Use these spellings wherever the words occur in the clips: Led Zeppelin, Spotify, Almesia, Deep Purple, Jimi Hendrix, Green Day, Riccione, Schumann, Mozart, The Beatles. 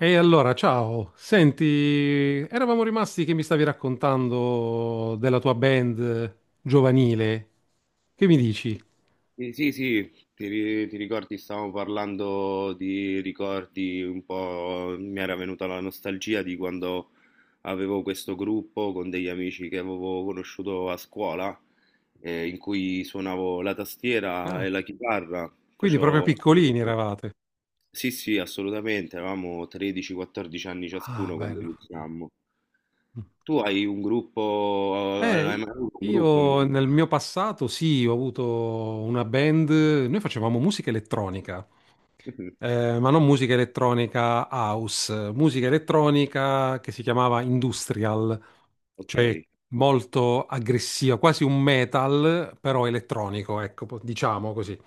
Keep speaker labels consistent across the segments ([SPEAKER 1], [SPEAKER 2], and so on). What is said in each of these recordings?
[SPEAKER 1] E allora, ciao. Senti, eravamo rimasti che mi stavi raccontando della tua band giovanile. Che mi dici?
[SPEAKER 2] Sì, sì, sì, ti ricordi, stavamo parlando di ricordi un po', mi era venuta la nostalgia di quando avevo questo gruppo con degli amici che avevo conosciuto a scuola, in cui suonavo la tastiera
[SPEAKER 1] Ah,
[SPEAKER 2] e la chitarra,
[SPEAKER 1] quindi proprio
[SPEAKER 2] facevo...
[SPEAKER 1] piccolini eravate.
[SPEAKER 2] Sì, sì, assolutamente, avevamo 13-14 anni
[SPEAKER 1] Ah,
[SPEAKER 2] ciascuno quando
[SPEAKER 1] bello.
[SPEAKER 2] iniziammo. Tu hai un gruppo, hai
[SPEAKER 1] Eh,
[SPEAKER 2] mai avuto un gruppo in...
[SPEAKER 1] io nel mio passato sì, ho avuto una band, noi facevamo musica elettronica, ma non musica elettronica house, musica elettronica che si chiamava industrial,
[SPEAKER 2] Ok.
[SPEAKER 1] cioè molto aggressiva, quasi un metal, però elettronico, ecco, diciamo così.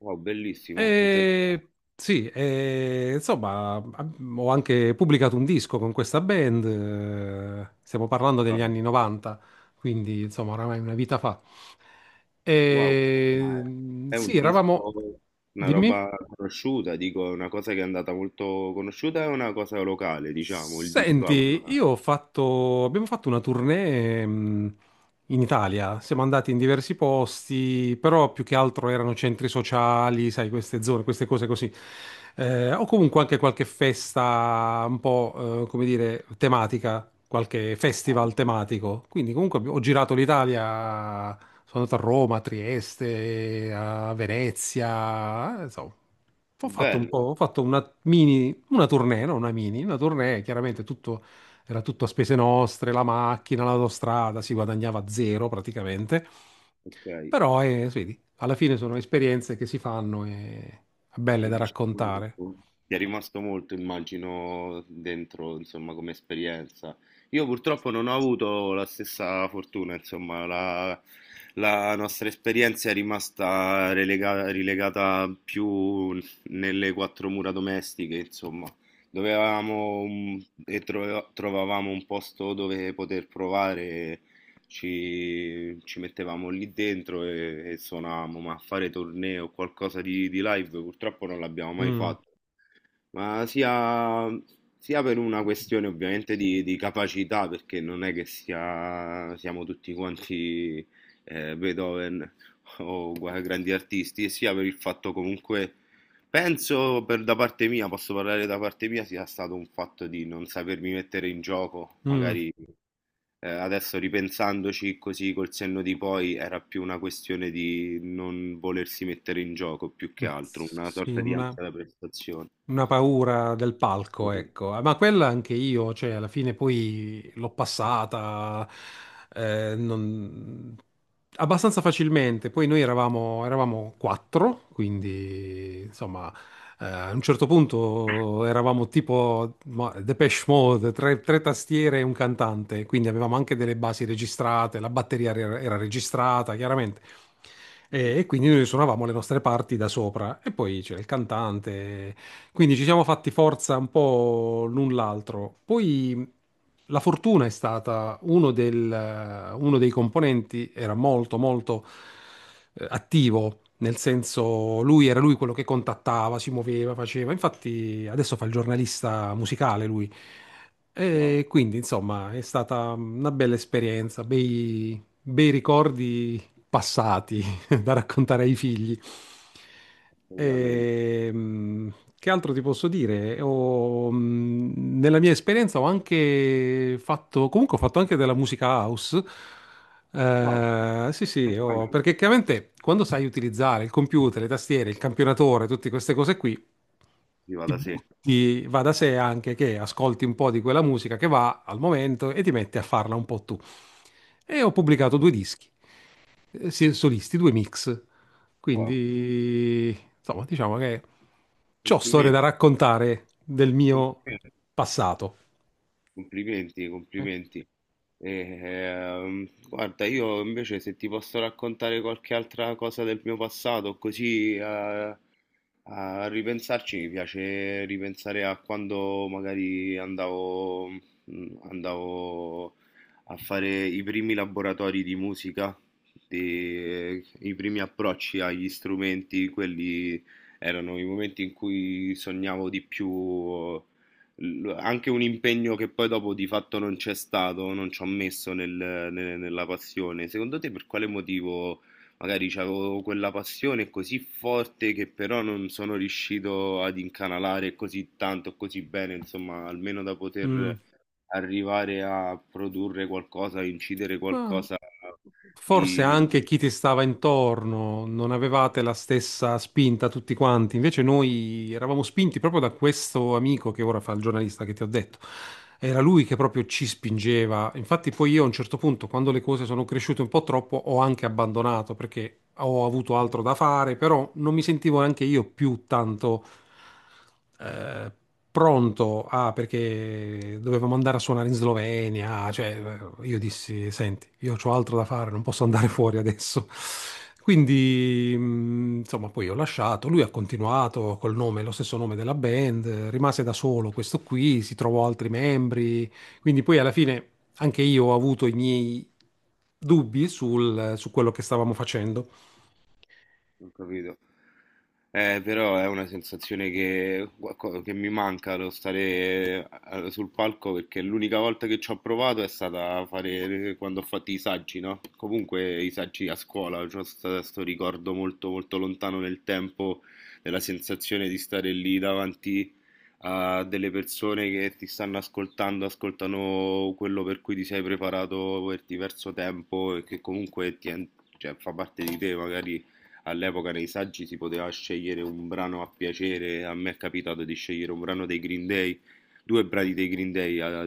[SPEAKER 2] Wow, bellissimo, interessante.
[SPEAKER 1] E sì, e, insomma, ho anche pubblicato un disco con questa band, stiamo parlando degli anni 90, quindi insomma, oramai una vita fa.
[SPEAKER 2] Wow, ma
[SPEAKER 1] E,
[SPEAKER 2] è
[SPEAKER 1] sì,
[SPEAKER 2] un disco,
[SPEAKER 1] eravamo...
[SPEAKER 2] una
[SPEAKER 1] Dimmi.
[SPEAKER 2] roba conosciuta, dico, una cosa che è andata molto conosciuta, è una cosa locale, diciamo, il disco.
[SPEAKER 1] Senti,
[SPEAKER 2] A-
[SPEAKER 1] abbiamo fatto una tournée, in Italia, siamo andati in diversi posti, però più che altro erano centri sociali, sai, queste zone, queste cose così. O comunque anche qualche festa un po', come dire, tematica, qualche
[SPEAKER 2] Ah,
[SPEAKER 1] festival
[SPEAKER 2] ecco.
[SPEAKER 1] tematico. Quindi comunque ho girato l'Italia, sono andato a Roma, a Trieste, a Venezia, insomma,
[SPEAKER 2] Bello,
[SPEAKER 1] ho fatto una mini, una tournée, no, una mini, una tournée, chiaramente tutto, era tutto a spese nostre, la macchina, l'autostrada, si guadagnava zero praticamente,
[SPEAKER 2] ok.
[SPEAKER 1] però vedi, alla fine sono esperienze che si fanno e belle
[SPEAKER 2] E
[SPEAKER 1] da raccontare.
[SPEAKER 2] diciamo, ti è rimasto molto, immagino, dentro, insomma, come esperienza. Io purtroppo non ho avuto la stessa fortuna, insomma, la nostra esperienza è rimasta relega- rilegata più nelle quattro mura domestiche, insomma. Dovevamo un- e trove- trovavamo un posto dove poter provare ci mettevamo lì dentro e suonavamo, ma fare torneo o qualcosa di live purtroppo non l'abbiamo mai
[SPEAKER 1] Mm,
[SPEAKER 2] fatto. Ma sia, sia per una questione ovviamente di capacità, perché non è che sia- siamo tutti quanti Beethoven o gua- grandi artisti, e sia per il fatto comunque, penso per da parte mia, posso parlare da parte mia, sia stato un fatto di non sapermi mettere in gioco,
[SPEAKER 1] mm,
[SPEAKER 2] magari adesso ripensandoci così col senno di poi, era più una questione di non volersi mettere in gioco più che altro, una
[SPEAKER 1] sì,
[SPEAKER 2] sorta di
[SPEAKER 1] una...
[SPEAKER 2] ansia da prestazione.
[SPEAKER 1] Una paura del palco,
[SPEAKER 2] Così.
[SPEAKER 1] ecco. Ah, ma quella anche io, cioè, alla fine poi l'ho passata eh, non- abbastanza facilmente. Poi noi eravamo quattro, quindi insomma, a un certo punto eravamo tipo ma, Depeche Mode, tre tastiere e un cantante, quindi avevamo anche delle basi registrate, la batteria era registrata, chiaramente. E quindi noi suonavamo le nostre parti da sopra e poi c'era il cantante. Quindi ci siamo fatti forza un po' l'un l'altro. Poi la fortuna è stata uno dei componenti, era molto attivo, nel senso lui quello che contattava, si muoveva, faceva. Infatti adesso fa il giornalista musicale lui.
[SPEAKER 2] Wow,
[SPEAKER 1] E quindi insomma è stata una bella esperienza, bei ricordi passati da raccontare ai figli.
[SPEAKER 2] assolutamente.
[SPEAKER 1] Ehm, che altro ti posso dire? Nella mia esperienza ho anche fatto, comunque ho fatto anche della musica house.
[SPEAKER 2] Wow,
[SPEAKER 1] Sì, sì,
[SPEAKER 2] anche,
[SPEAKER 1] perché chiaramente quando sai utilizzare il computer, le tastiere, il campionatore, tutte queste cose qui,
[SPEAKER 2] sì, va
[SPEAKER 1] ti
[SPEAKER 2] da sé.
[SPEAKER 1] butti, va da sé anche che ascolti un po' di quella musica che va al momento e ti metti a farla un po' tu. E ho pubblicato due dischi sì, solisti, due mix.
[SPEAKER 2] Wow,
[SPEAKER 1] Quindi, insomma, diciamo che ho storie
[SPEAKER 2] complimenti,
[SPEAKER 1] da raccontare del mio
[SPEAKER 2] complimenti.
[SPEAKER 1] passato.
[SPEAKER 2] Complimenti,
[SPEAKER 1] Eh,
[SPEAKER 2] complimenti. E, guarda, io invece se ti posso raccontare qualche altra cosa del mio passato, così a, a ripensarci, mi piace ripensare a quando magari andavo, andavo a fare i primi laboratori di musica, di- i primi approcci agli strumenti, quelli erano i momenti in cui sognavo di più l- anche un impegno che poi dopo di fatto non c'è stato, non ci ho messo nel- nel- nella passione. Secondo te per quale motivo magari avevo quella passione così forte che però non sono riuscito ad incanalare così tanto, così bene, insomma, almeno da
[SPEAKER 1] Mm.
[SPEAKER 2] poter arrivare a produrre qualcosa, a incidere
[SPEAKER 1] Ma
[SPEAKER 2] qualcosa
[SPEAKER 1] forse
[SPEAKER 2] di
[SPEAKER 1] anche chi ti stava intorno, non avevate la stessa spinta tutti quanti. Invece noi eravamo spinti proprio da questo amico che ora fa il giornalista che ti ho detto. Era lui che proprio ci spingeva. Infatti poi io a un certo punto, quando le cose sono cresciute un po' troppo, ho anche abbandonato perché ho avuto altro da fare, però non mi sentivo neanche io più tanto eh, pronto a, perché dovevamo andare a suonare in Slovenia, cioè io dissi, senti, io ho altro da fare, non posso andare fuori adesso. Quindi, insomma, poi ho lasciato, lui ha continuato col nome, lo stesso nome della band, rimase da solo questo qui, si trovò altri membri, quindi poi alla fine anche io ho avuto i miei dubbi su quello che stavamo facendo.
[SPEAKER 2] Ho capito. Però è una sensazione che, qualco- che mi manca lo stare sul palco perché l'unica volta che ci ho provato è stata a fare quando ho fatto i saggi, no? Comunque i saggi a scuola, c'ho questo ricordo molto molto lontano nel tempo della sensazione di stare lì davanti a delle persone che ti stanno ascoltando, ascoltano quello per cui ti sei preparato per diverso tempo e che comunque ti, en- cioè, fa parte di te, magari all'epoca nei saggi si poteva scegliere un brano a piacere, a me è capitato di scegliere un brano dei Green Day, due brani dei Green Day a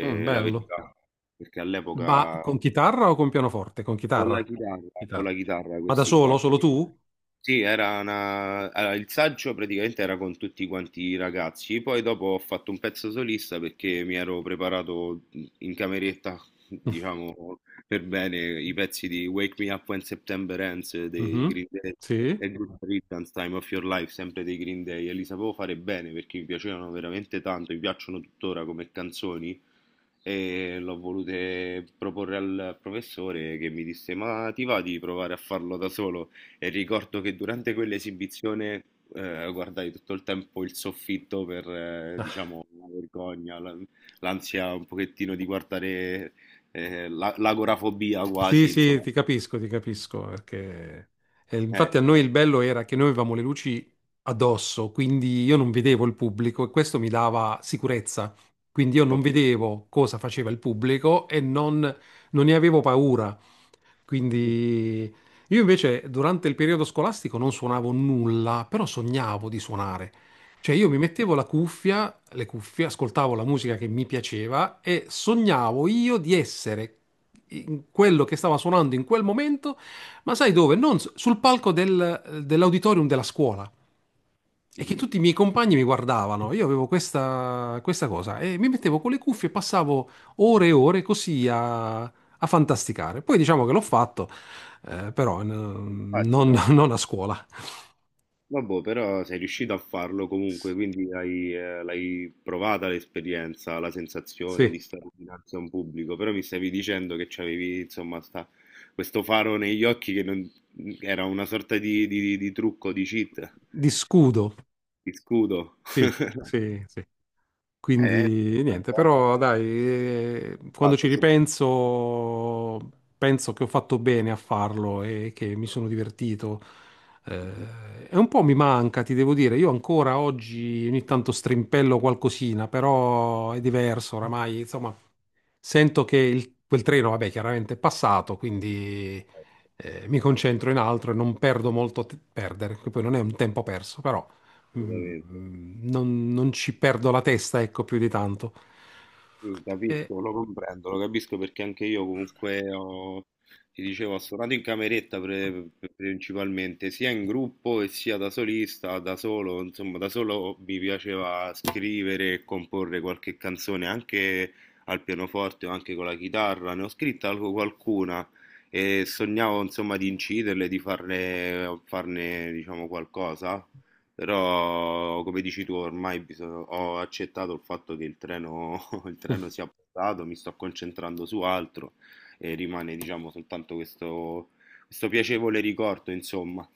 [SPEAKER 1] Mm,
[SPEAKER 2] la
[SPEAKER 1] bello.
[SPEAKER 2] verità, perché
[SPEAKER 1] Ma
[SPEAKER 2] all'epoca
[SPEAKER 1] con chitarra o con pianoforte? Con
[SPEAKER 2] con la
[SPEAKER 1] chitarra.
[SPEAKER 2] chitarra, con
[SPEAKER 1] Chitarra.
[SPEAKER 2] la chitarra
[SPEAKER 1] Ma da
[SPEAKER 2] questi qua.
[SPEAKER 1] solo? Solo
[SPEAKER 2] Sì.
[SPEAKER 1] tu?
[SPEAKER 2] Sì, era una allora, il saggio praticamente era con tutti quanti i ragazzi, poi dopo ho fatto un pezzo solista perché mi ero preparato in cameretta, diciamo, per bene i pezzi di Wake Me Up When September Ends dei
[SPEAKER 1] Mhm,
[SPEAKER 2] Green Day
[SPEAKER 1] sì,
[SPEAKER 2] e Good Riddance Time of Your Life, sempre dei Green Day, e li sapevo fare bene perché mi piacevano veramente tanto, mi piacciono tuttora come canzoni e l'ho volute proporre al professore che mi disse ma ti va di provare a farlo da solo? E ricordo che durante quell'esibizione guardai tutto il tempo il soffitto per, diciamo, la vergogna, la- l'ansia un pochettino di guardare la- l'agorafobia
[SPEAKER 1] sì,
[SPEAKER 2] quasi,
[SPEAKER 1] sì,
[SPEAKER 2] insomma.
[SPEAKER 1] ti capisco, perché
[SPEAKER 2] Eh,
[SPEAKER 1] infatti a noi il bello era che noi avevamo le luci addosso, quindi io non vedevo il pubblico e questo mi dava sicurezza. Quindi io non
[SPEAKER 2] ok.
[SPEAKER 1] vedevo cosa faceva il pubblico non ne avevo paura.
[SPEAKER 2] Mm,
[SPEAKER 1] Quindi io invece durante il periodo scolastico non suonavo nulla, però sognavo di suonare. Cioè io mi
[SPEAKER 2] mm,
[SPEAKER 1] mettevo le cuffie, ascoltavo la musica che mi piaceva e sognavo io di essere in quello che stava suonando in quel momento, ma sai dove? Non s- sul palco dell'auditorium della scuola.
[SPEAKER 2] mm,
[SPEAKER 1] E che
[SPEAKER 2] mm.
[SPEAKER 1] tutti i miei compagni mi guardavano, io avevo questa cosa e mi mettevo con le cuffie e passavo ore e ore così a fantasticare. Poi diciamo che l'ho fatto, però
[SPEAKER 2] Infatti, no?
[SPEAKER 1] non a scuola.
[SPEAKER 2] Vabbè, però sei riuscito a farlo comunque, quindi hai, l'hai provata l'esperienza, la sensazione
[SPEAKER 1] Sì,
[SPEAKER 2] di stare dinanzi a un pubblico, però mi stavi dicendo che c'avevi, insomma, sta- questo faro negli occhi che non- era una sorta di trucco, di cheat,
[SPEAKER 1] di scudo.
[SPEAKER 2] di scudo.
[SPEAKER 1] Sì, sì, sì.
[SPEAKER 2] Eh,
[SPEAKER 1] Quindi niente, però dai, quando ci
[SPEAKER 2] fatto,
[SPEAKER 1] ripenso, penso che ho fatto bene a farlo e che mi sono divertito. E un po' mi manca, ti devo dire. Io ancora oggi ogni tanto strimpello qualcosina, però è diverso oramai. Insomma, sento che quel treno, vabbè, chiaramente è passato, quindi
[SPEAKER 2] assolutamente.
[SPEAKER 1] mi concentro in altro e non perdo molto che poi non è un tempo perso, però non ci perdo la testa, ecco, più di tanto.
[SPEAKER 2] Sì,
[SPEAKER 1] E-
[SPEAKER 2] capisco, lo comprendo, lo capisco perché anche io comunque ho, ti dicevo, ho suonato in cameretta pre- pre- principalmente, sia in gruppo e sia da solista, da solo, insomma, da solo mi piaceva scrivere e comporre qualche canzone anche al pianoforte o anche con la chitarra, ne ho scritta alco- qualcuna e sognavo, insomma, di inciderle, di farne, farne, diciamo, qualcosa. Però, come dici tu, ormai bisogna- ho accettato il fatto che il treno, il treno sia passato, mi sto concentrando su altro e rimane, diciamo, soltanto questo, questo piacevole ricordo, insomma.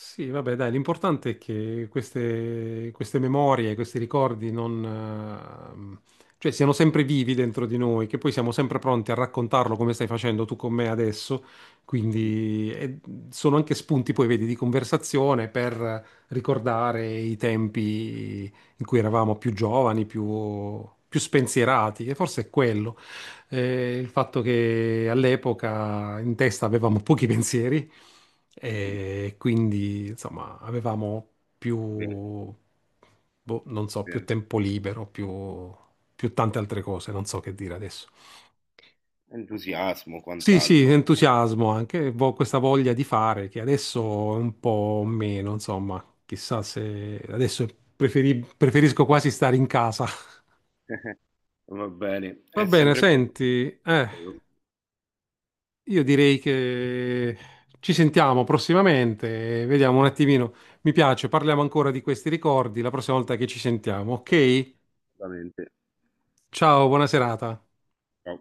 [SPEAKER 1] Sì, vabbè, dai, l'importante è che queste memorie, questi ricordi non, cioè siano sempre vivi dentro di noi, che poi siamo sempre pronti a raccontarlo come stai facendo tu con me adesso, quindi sono anche spunti, poi vedi, di conversazione per ricordare i tempi in cui eravamo più giovani, più spensierati, e forse è quello. Il fatto che all'epoca in testa avevamo pochi pensieri e quindi insomma avevamo più,
[SPEAKER 2] Bene,
[SPEAKER 1] boh, non so, più
[SPEAKER 2] bene.
[SPEAKER 1] tempo libero, più, più tante altre cose, non so che dire adesso.
[SPEAKER 2] Entusiasmo,
[SPEAKER 1] Sì, sì,
[SPEAKER 2] quant'altro.
[SPEAKER 1] entusiasmo anche, questa voglia di fare che adesso è un po' meno, insomma, chissà se adesso preferisco quasi stare in casa.
[SPEAKER 2] Va bene,
[SPEAKER 1] Va
[SPEAKER 2] è
[SPEAKER 1] bene,
[SPEAKER 2] sempre
[SPEAKER 1] senti, eh.
[SPEAKER 2] bello.
[SPEAKER 1] Io direi che ci sentiamo prossimamente, e vediamo un attimino. Mi piace, parliamo ancora di questi ricordi la prossima volta che ci sentiamo, ok?
[SPEAKER 2] Assolutamente.
[SPEAKER 1] Ciao, buona serata.
[SPEAKER 2] Ciao.